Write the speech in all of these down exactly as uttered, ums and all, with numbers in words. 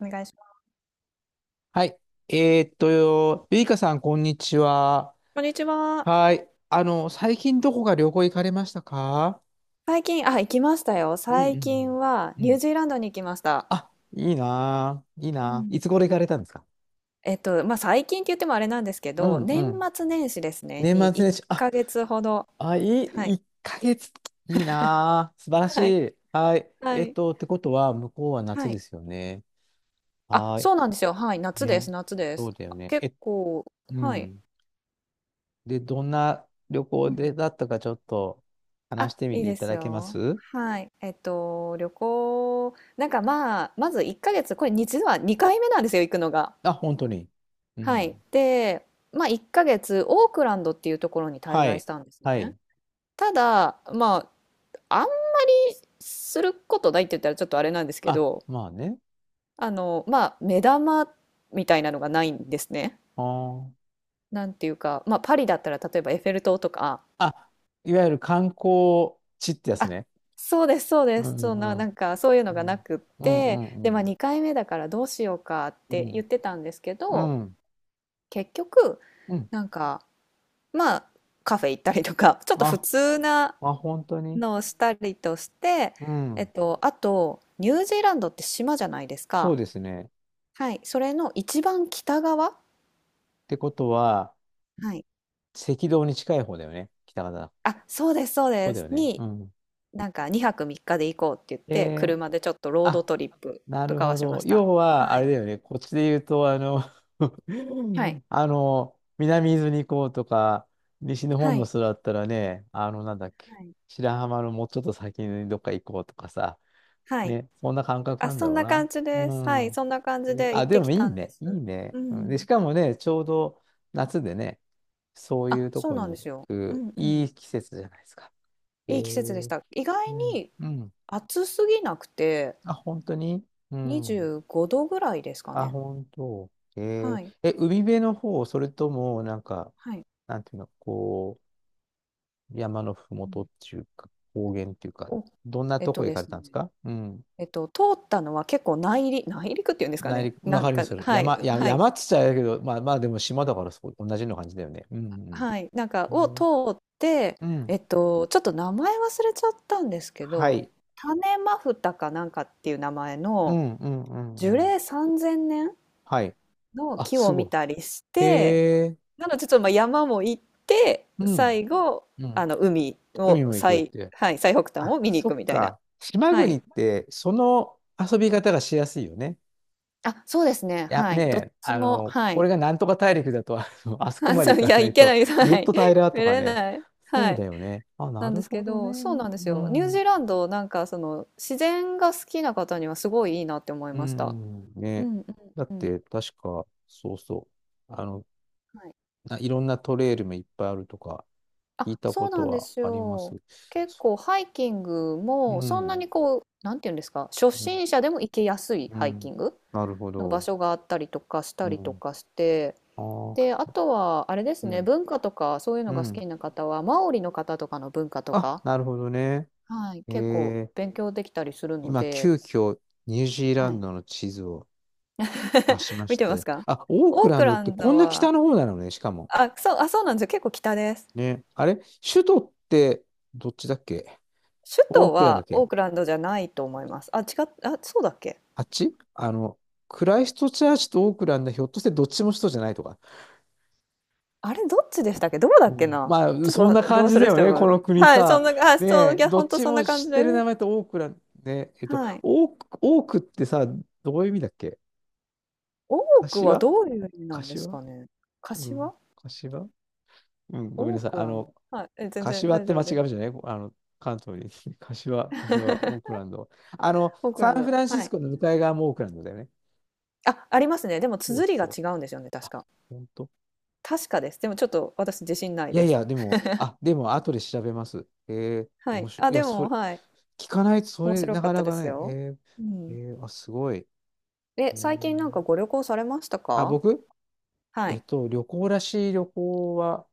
お願いします。はい。えーっと、ゆいかさん、こんにちは。こんにちは。はい。あの、最近どこか旅行行かれましたか？最近、あ、行きましたよ。うんう最ん近はうん。うニューん。ジーランドに行きました。あ、いいなぁ。いいうなぁ。いん。つ頃行かれたんですか？えっと、まあ、最近って言ってもあれなんですけうど、ん年うん。末年始ですね、年に末1年始。あ、ヶ月ほど。あ、いはい、い。いっかげつ。いいなぁ。素晴らしはい。い。はい。はえーっい。と、ってことは、向こうは夏はでい。すよね。あ、はい。そうなんですよ。はい。夏でね。す。夏でそす。うだよあね。結え、構、うはい。ん。で、どんな旅行うん、でだったか、ちょっと話あ、してみいいていでたすだけまよ。す？はい。えっと、旅行、なんかまあ、まずいっかげつ、これ実はにかいめなんですよ、行くのが。あ、本当に。うはい。ん。で、まあ、いっかげつオークランドっていうところに滞は在しい。たんですはね。い。ただ、まあ、あんすることないって言ったらちょっとあれなんですけあ、ど、まあね。あの、まあ、目玉みたいなのがないんですね。あー。なんていうか、まあ、パリだったら例えばエッフェル塔とか、あ、いわゆる観光地ってやつあ、ね。そうです、そううでんす。うそんな、んうなん。んかそういうのがなくっうんうて、んうで、まあ、ん。にかいめだからどうしようかっうて言ん。ってたんですけうど、ん。結局、うんなんか、まあ、カフェ行ったりとか、ちょっと普あ、通な、あ、本当に。のをしたりとして、うえん。っと、あと、ニュージーランドって島じゃないですそか。うですね。はい。それの一番北側、ってことは、はい。赤道に近い方だよね。北方。あ、そうです、そうそうでだす。よね。に、うん。なんかにはくみっかで行こうって言って、えー、車でちょっとロードあ、トリップなとるかはほしまど。した。要は、はあい。れだよね。こっちで言うと、あの、はい。あの、南伊豆に行こうとか、西日本はのい。人だったらね、あの、なんだっけ、はい。白浜のもうちょっと先にどっか行こうとかさ、はい、ね、そんな感覚あ、なんだそんろうな感な。じでうす。はい。ん。そんな感じえで行あ、っでてもきいいたんでね、す。いいね。ううん、で、しん。かもね、ちょうど夏でね、そういあ、うとそうこなんでに行すよ。うく、んういん。い季節じゃないですか。えいい季節でしー、た。意外うん。にうん。暑すぎなくて、あ、本当に。うん。にじゅうごどぐらいですかあ、ね。本当。えー、はい。え、海辺の方、それとも、なんか、はい。なんていうの、こう、山のふもうとっん。ていうか、高原っていうか、お、どんなえっととこ行でかれすたね。んですか？うん。えっと、通ったのは結構内陸、内陸っていうんですか内ね。陸、わなんかりまか、す。はい、山、や、はい、山っつっちゃあれだけど、まあまあでも島だからそう、同じような感じだよね。うんはい。なんか、うん。えをー通って、うえん。っと、ちょっと名前忘れちゃったんですけはど、い。種マフタかなんかっていう名前うのんうんうん樹うん。齢さんぜんねんはい。のあ、木すを見ごい。たりして、えー、なのでちょっとまあ山も行って、うん。最後、うあん。の海海をも行くっ最、て。はい、最北端あ、を見にそ行くっみたいな。か。島は国い、って、その遊び方がしやすいよね。あ、そうですね。いや、はねい。どっえ、ちあも、の、はこい。れ がなんとか大陸だと、あのあそこハンまでさ行ん、いかや、ないいけなと、い、ずっはい。と平 らと見かれね。ない。そはうい。だよね。あ、ななんるですけほどね。ど、そうなんですうよ。ニュージん。ーランド、なんか、その、自然が好きな方にはすごいいいなって思いうました。ん。うね。んうんだっうん。て、確か、そうそう。あの、はい。ないろんなトレイルもいっぱいあるとか、聞あ、いたそこうなとんではすありまよ。す。結そ構、ハイキングうも、そんなん。にこう、なんていうんですか、初うん。心者でも行けやすいうハイキん。ングなるほの場ど。所があったりとかしたうりとん。かして、あで、ああ、とは、あれですうね、ん。文化とかそういううのが好ん。きな方は、マオリの方とかの文化とあ、か、なるほどね。はい、え結構ー、勉強できたりするの今、で、急遽、ニュージーラはンい。ドの地図を出 しま見してますて。か？あ、オークオーラクンドっラてンこドんな北は、の方なのね、しかも。あ、そう、あ、そうなんですよ。結構北です。ね。あれ首都ってどっちだっけ？首オ都ークランドだはっオけ？ークランドじゃないと思います。あ、違っ、あ、そうだっけ？あっちあの、クライストチャーチとオークランドひょっとしてどっちも首都じゃないとか。あれ、どっちでしたっけ？どこだうっけんな？まあ、ちょっとそんわ、など感じ忘だれしよてね、もらこう。の国はい、そんさ。な、あ、ねそう、いえ、や、どほっんとちそんもな感知じってで。る名前とオークランド、ね、えっと、はい。オーク、オークってさ、どういう意味だっけ？多くは柏どういう意味なんで柏すかね。うん、柏？柏うん、ごめんオなーさい。クあランの、ド。はい、え、全然柏っ大て丈間夫違うです。じゃないあの、関東に。柏、柏、オークランド。あの、オークサランンフド、ランシはスい。コの向かい側もオークランドだよね。あ、ありますね。でもそう綴りがそう。違うんですよね、確あ、か。本当。確かです。でもちょっと私自信ないいやでいす。や、でも、あ、でも、後で調べます。えー、は面い。白あ、い。いや、でそも、れ、はい。聞かないと、そ面れ、白なかっかたなでかすね。よ。えうー、ん。えー、あ、すごい。え、うー最近なんかんご旅行されましたあ、か？僕はえい。っと、旅行らしい旅行は、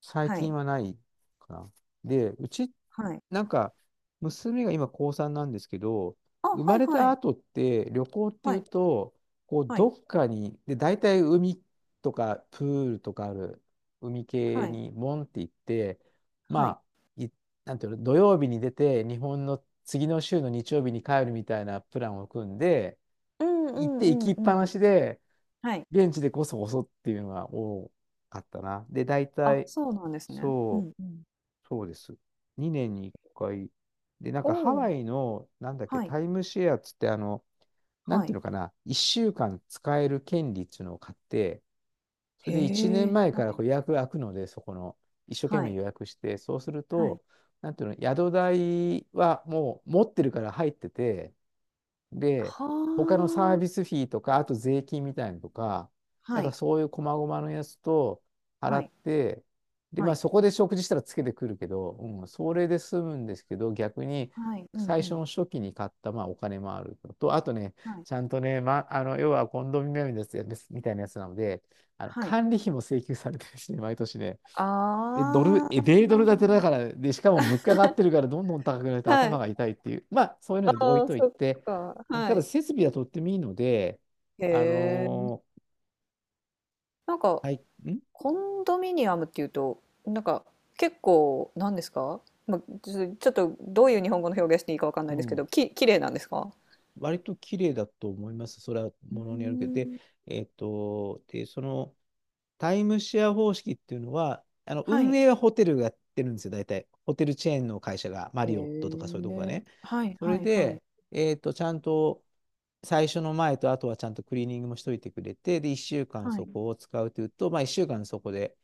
最は近い。はないかな。で、うち、はい。なんか、娘が今高さんなんですけど、あ、生はまいれはたい。後って旅行っていはうい。と、こうはどい。っかに、で、大体海とかプールとかある海系はい。にモンって行って、はい。まあ、い、なんていうの、土曜日に出て、日本の次の週の日曜日に帰るみたいなプランを組んで、うんう行っんてう行きんっぱうなん。しで、はい。現地でこそこそっていうのが多かったな。で、大あ、体、そうなんですね。うそんうん。う。そうです。にねんにいっかい。で、なんおかハお、ワイの、なんだっけ、はい。タイムシェアっつって、あの、なんはていうい。のかな、いっしゅうかん使える権利っていうのを買って、それへで1年え。前はからい。こう予約が開くので、そこの、一生懸は命い。予約して、そうするはい。と、なんていうの、宿代はもう持ってるから入ってて、で、他のはサービスフィーとか、あと税金みたいなのとか、あ。なはんかい。そういう細々のやつと払はっい、て、で、はまあい、そこで食事したらつけてくるけど、うん、それで済むんですけど、逆にはい、うん最う初ん。の初期に買ったまあお金もあるのと、あとね、はい、ちゃんとね、ま、あの、要はコンドミニアムのやつみたいなやつなので、あのはい。管理費も請求されてるしね、毎年ね。え、ドル、あえ、米ドル建てあ。だから、で、しかも物価が上がってるからどんどん高くなるとは頭い。が痛いっていう、まあ、そういうのあは置いあ、といそって、か。うんはただい。設備はとってもいいので、へあえ。のなんか、ーはい、んコンドミニアムっていうと、なんか、結構、なんですか？まあ、ちょちょっと、どういう日本語の表現していいかわかんなういですけん。ど、き、綺麗なんですか？割と綺麗だと思います。それはうものによるけど。で、ーん。えっと、で、そのタイムシェア方式っていうのは、あのは運い。営はホテルがやってるんですよ、大体。ホテルチェーンの会社が、マへリオットとかそういうとこがえ。ね。はいそれはいはい。で、えっと、ちゃんと最初の前とあとはちゃんとクリーニングもしといてくれて、で、いっしゅうかんはそい。こを使うというと、まあいっしゅうかんそこで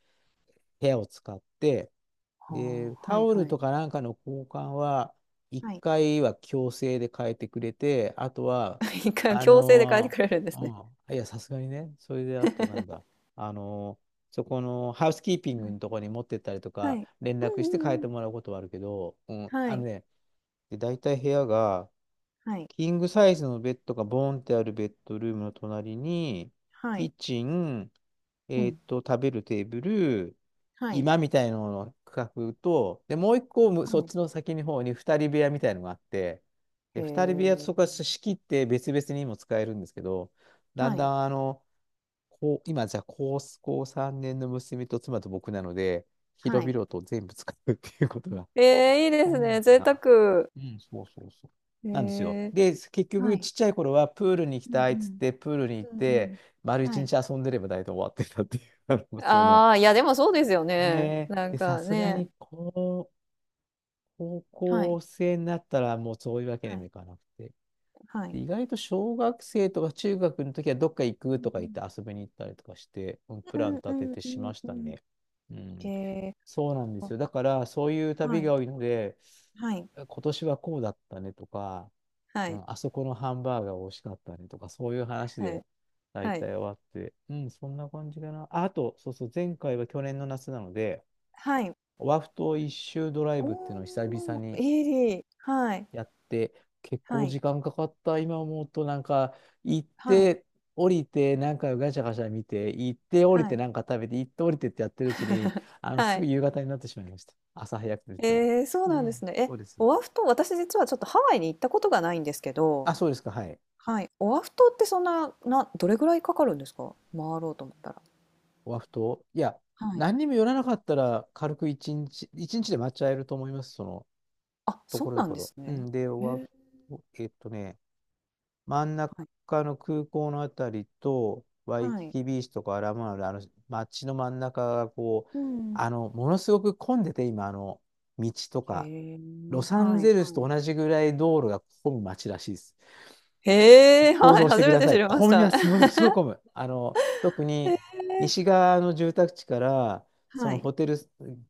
部屋を使って、はで、あ。はタいオルはい。とかなんかの交換は、1はい。回は強制で変えてくれて、あとは、一回あ強制で変えてのくれるんでーすね。うん、いや、さすがにね、それであとなんだ、あのーそこのハウスキーピンはグい。のところに持ってったりとはか、い。連う絡してんう変えてんうん。もらうことはあるけど、うん、はあのい、ね、で、大体部屋が、はい、キングサイズのベッドがボーンってあるベッドルームの隣に、はキい、ッチン、うえーっん。と、食べるテーブル、は居い、間みたいなのの区画と、で、もう一個む、そっちのは先の方に二人部屋みたいのがあって、い、で、へ二人部屋とそこはえ。仕切って別々にも使えるんですけど、だんはだい、んあの、こう、今じゃあ高、高さんねんの娘と妻と僕なので、は広い、々と全部使うっていうことがええ、いいです多ね。い贅な。沢。うん、そうそうそう。へなんですよ。え。で、結は局、い、ちっちゃい頃は、プールに行きうたいっつっんて、プールにう行っん、うんうて、ん。丸一はい、日遊んでれば大体終わってたっていう、あのその、ああ、いや、でもそうですよね。ねえ、なんで、さかすがね。に、こう、高はい、校生になったら、もうそういうわけはにもい、いかなくて。はでい、意外と小学生とか中学の時は、どっか行うくとんか言って遊びに行ったりとかして、うんプうランんう立てんうんてうしまんしうたん。ね。うへん、え。そうなんですあ、よ。だから、そういう旅はい、が多いので、はい、今年はこうだったねとか、はうい、ん、あそこのハンバーガー美味しかったねとか、そういう話はでい、大はい。体終わって、うん、そんな感じかな。あ、あと、そうそう、前回は去年の夏なので、はい。オアフ島一周ドライおブっていうのを久お、々にいい、はい、やって、結は構い、時間かかった、今思うと、なんか、行っはい、て、降りて、なんかガチャガチャ見て、行って、降りはて、い。なんか食べて、行って、降りてってやってるうちに、あの、はすぐい。夕方になってしまいました。朝早くと言っても。ええ、そううなんでん、すね。そえ、うです。オアフ島、私実はちょっとハワイに行ったことがないんですけど、あ、そうですか、はい。はい、オアフ島ってそんな、な、どれぐらいかかるんですか？回ろうと思ったら。ワフト。いや、はい。何にも寄らなかったら、軽く一日、一日で回っちゃえると思います、その、あ、とそこうろどなんこでろ。すうね。ん、で、えワー、フト、えっとね、真んはい、中の空港のあたりと、ワイはキい。キビーチとかアラモアナの、あの、街の真ん中がこう、うん。あの、ものすごく混んでて、今、あの、道とへか、え、ロサンはい、ゼルスはい。と同じぐらい道路が混む街らしいです。へえ、想はい、像して初くめだてさ知い。りまし混みまた。す。も のすごい混む。あの、特へにえ、西側の住宅地から、そはのい。ホテル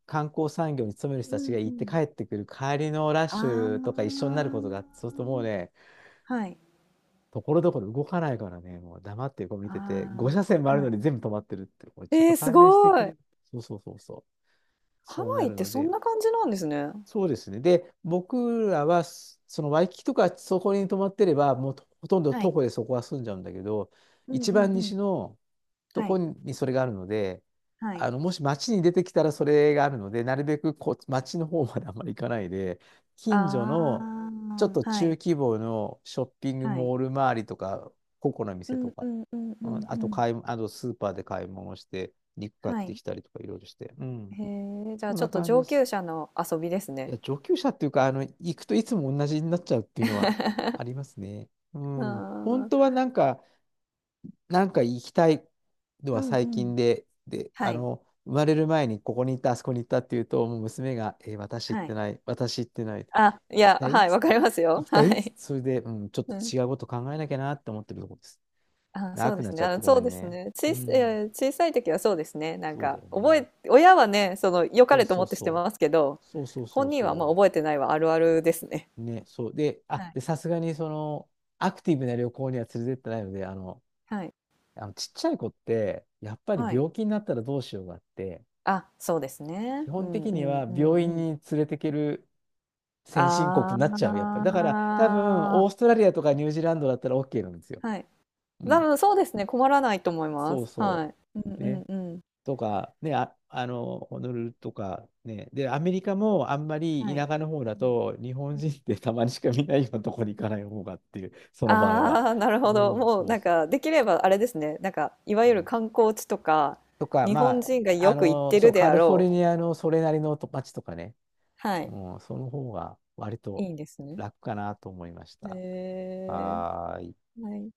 観光産業に勤める人うたちんがう行ってん。帰ってくる帰りのラッあシュとか一緒にあ、なることがあって、そうするともうね、はい、ところどころ動かないからね、もう黙ってこう見あてて、ご車線もああ、るはのい。に全部止まってるって、これちょっえとー、す勘弁してごくい。れ。そうそうそうそう。ハそうワなイっるてのそで、んな感じなんですね。そうですね。で、僕らは、そのワイキキとかそこに泊まってれば、もうほとんどは徒い。歩でそこは住んじゃうんだけど、うん一うん番う西ん。のとはこい、にそれがあるので、はい。あの、もし街に出てきたらそれがあるので、なるべくこう街の方まであんまり行かないで、近所のあちょっあ、とは中い、規模のショッピングはい。モール周りとか、個々のう店んとうか、んうんううん、んあうとん。買い、あとスーパーで買い物して、肉買っはてい。きたりとかいろいろして、うん、へえ、じゃあそんちょなっと感じで上す。級者の遊びですいね。や、上級者っていうか、あの、行くといつも同じになっちゃうっていうのはあり ますね。うあん。本当はー、なんか、なんか行きたいのうはんう最近ん。で、で、あはい、の、生まれる前にここに行った、あそこに行ったっていうと、もう娘が、えー私行っはてい。ない、私行ってない、あ、行いきや、たいっはい、つっわかりて、ます行よ。きたはいっつっい。て、それで、うん、ちょっとうん。違うこと考えなきゃなって思ってるところです。あ、長そうくでなっすちね。ゃっあての、ごそめうんですね。ね。う小さい、いん。や小さい時はそうですね。なんそうだか、よ覚ね。え、親はね、その、良かそうれとそ思うってしてそう。ますけど、そうそうそ本う人はまあそう。覚えてないはあるあるですね。ね、そう。で、はあ、い、で、さすがにその、アクティブな旅行には連れてってないので、あの、はい、あのちっちゃい子って、やっぱりはい。病気になったらどうしようがあって、あ、そうです基ね。う本ん的うにんはう病ん院うん。に連れてける先進国になっちゃう、やっぱあり。だから、多分、オースあ、トラリアとかニュージーランドだったら オーケー なんですよ。はい。う多ん。分そうですね、困らないと思いまそうす。そはい。うんう。うね。んうん。とか、ね、あ、あの、ホノルルとか、ね、で、アメリカもあんまりは田い。舎の方うだん、と、日本う人っん。てたまにしか見ないようなところに行かない方がっていう、その場合は。ああ、なるうほど。ん、もうそうなんそかできればあれですね、なんかいわう。ゆうるん観光地とか、とか、日ま本あ、人があよく行っの、てそるう、でカあリフォルろニう。アのそれなりのと街とかね、はい。うん、その方が割いいとんですね。楽かなと思いましへた。え。はーい。はい。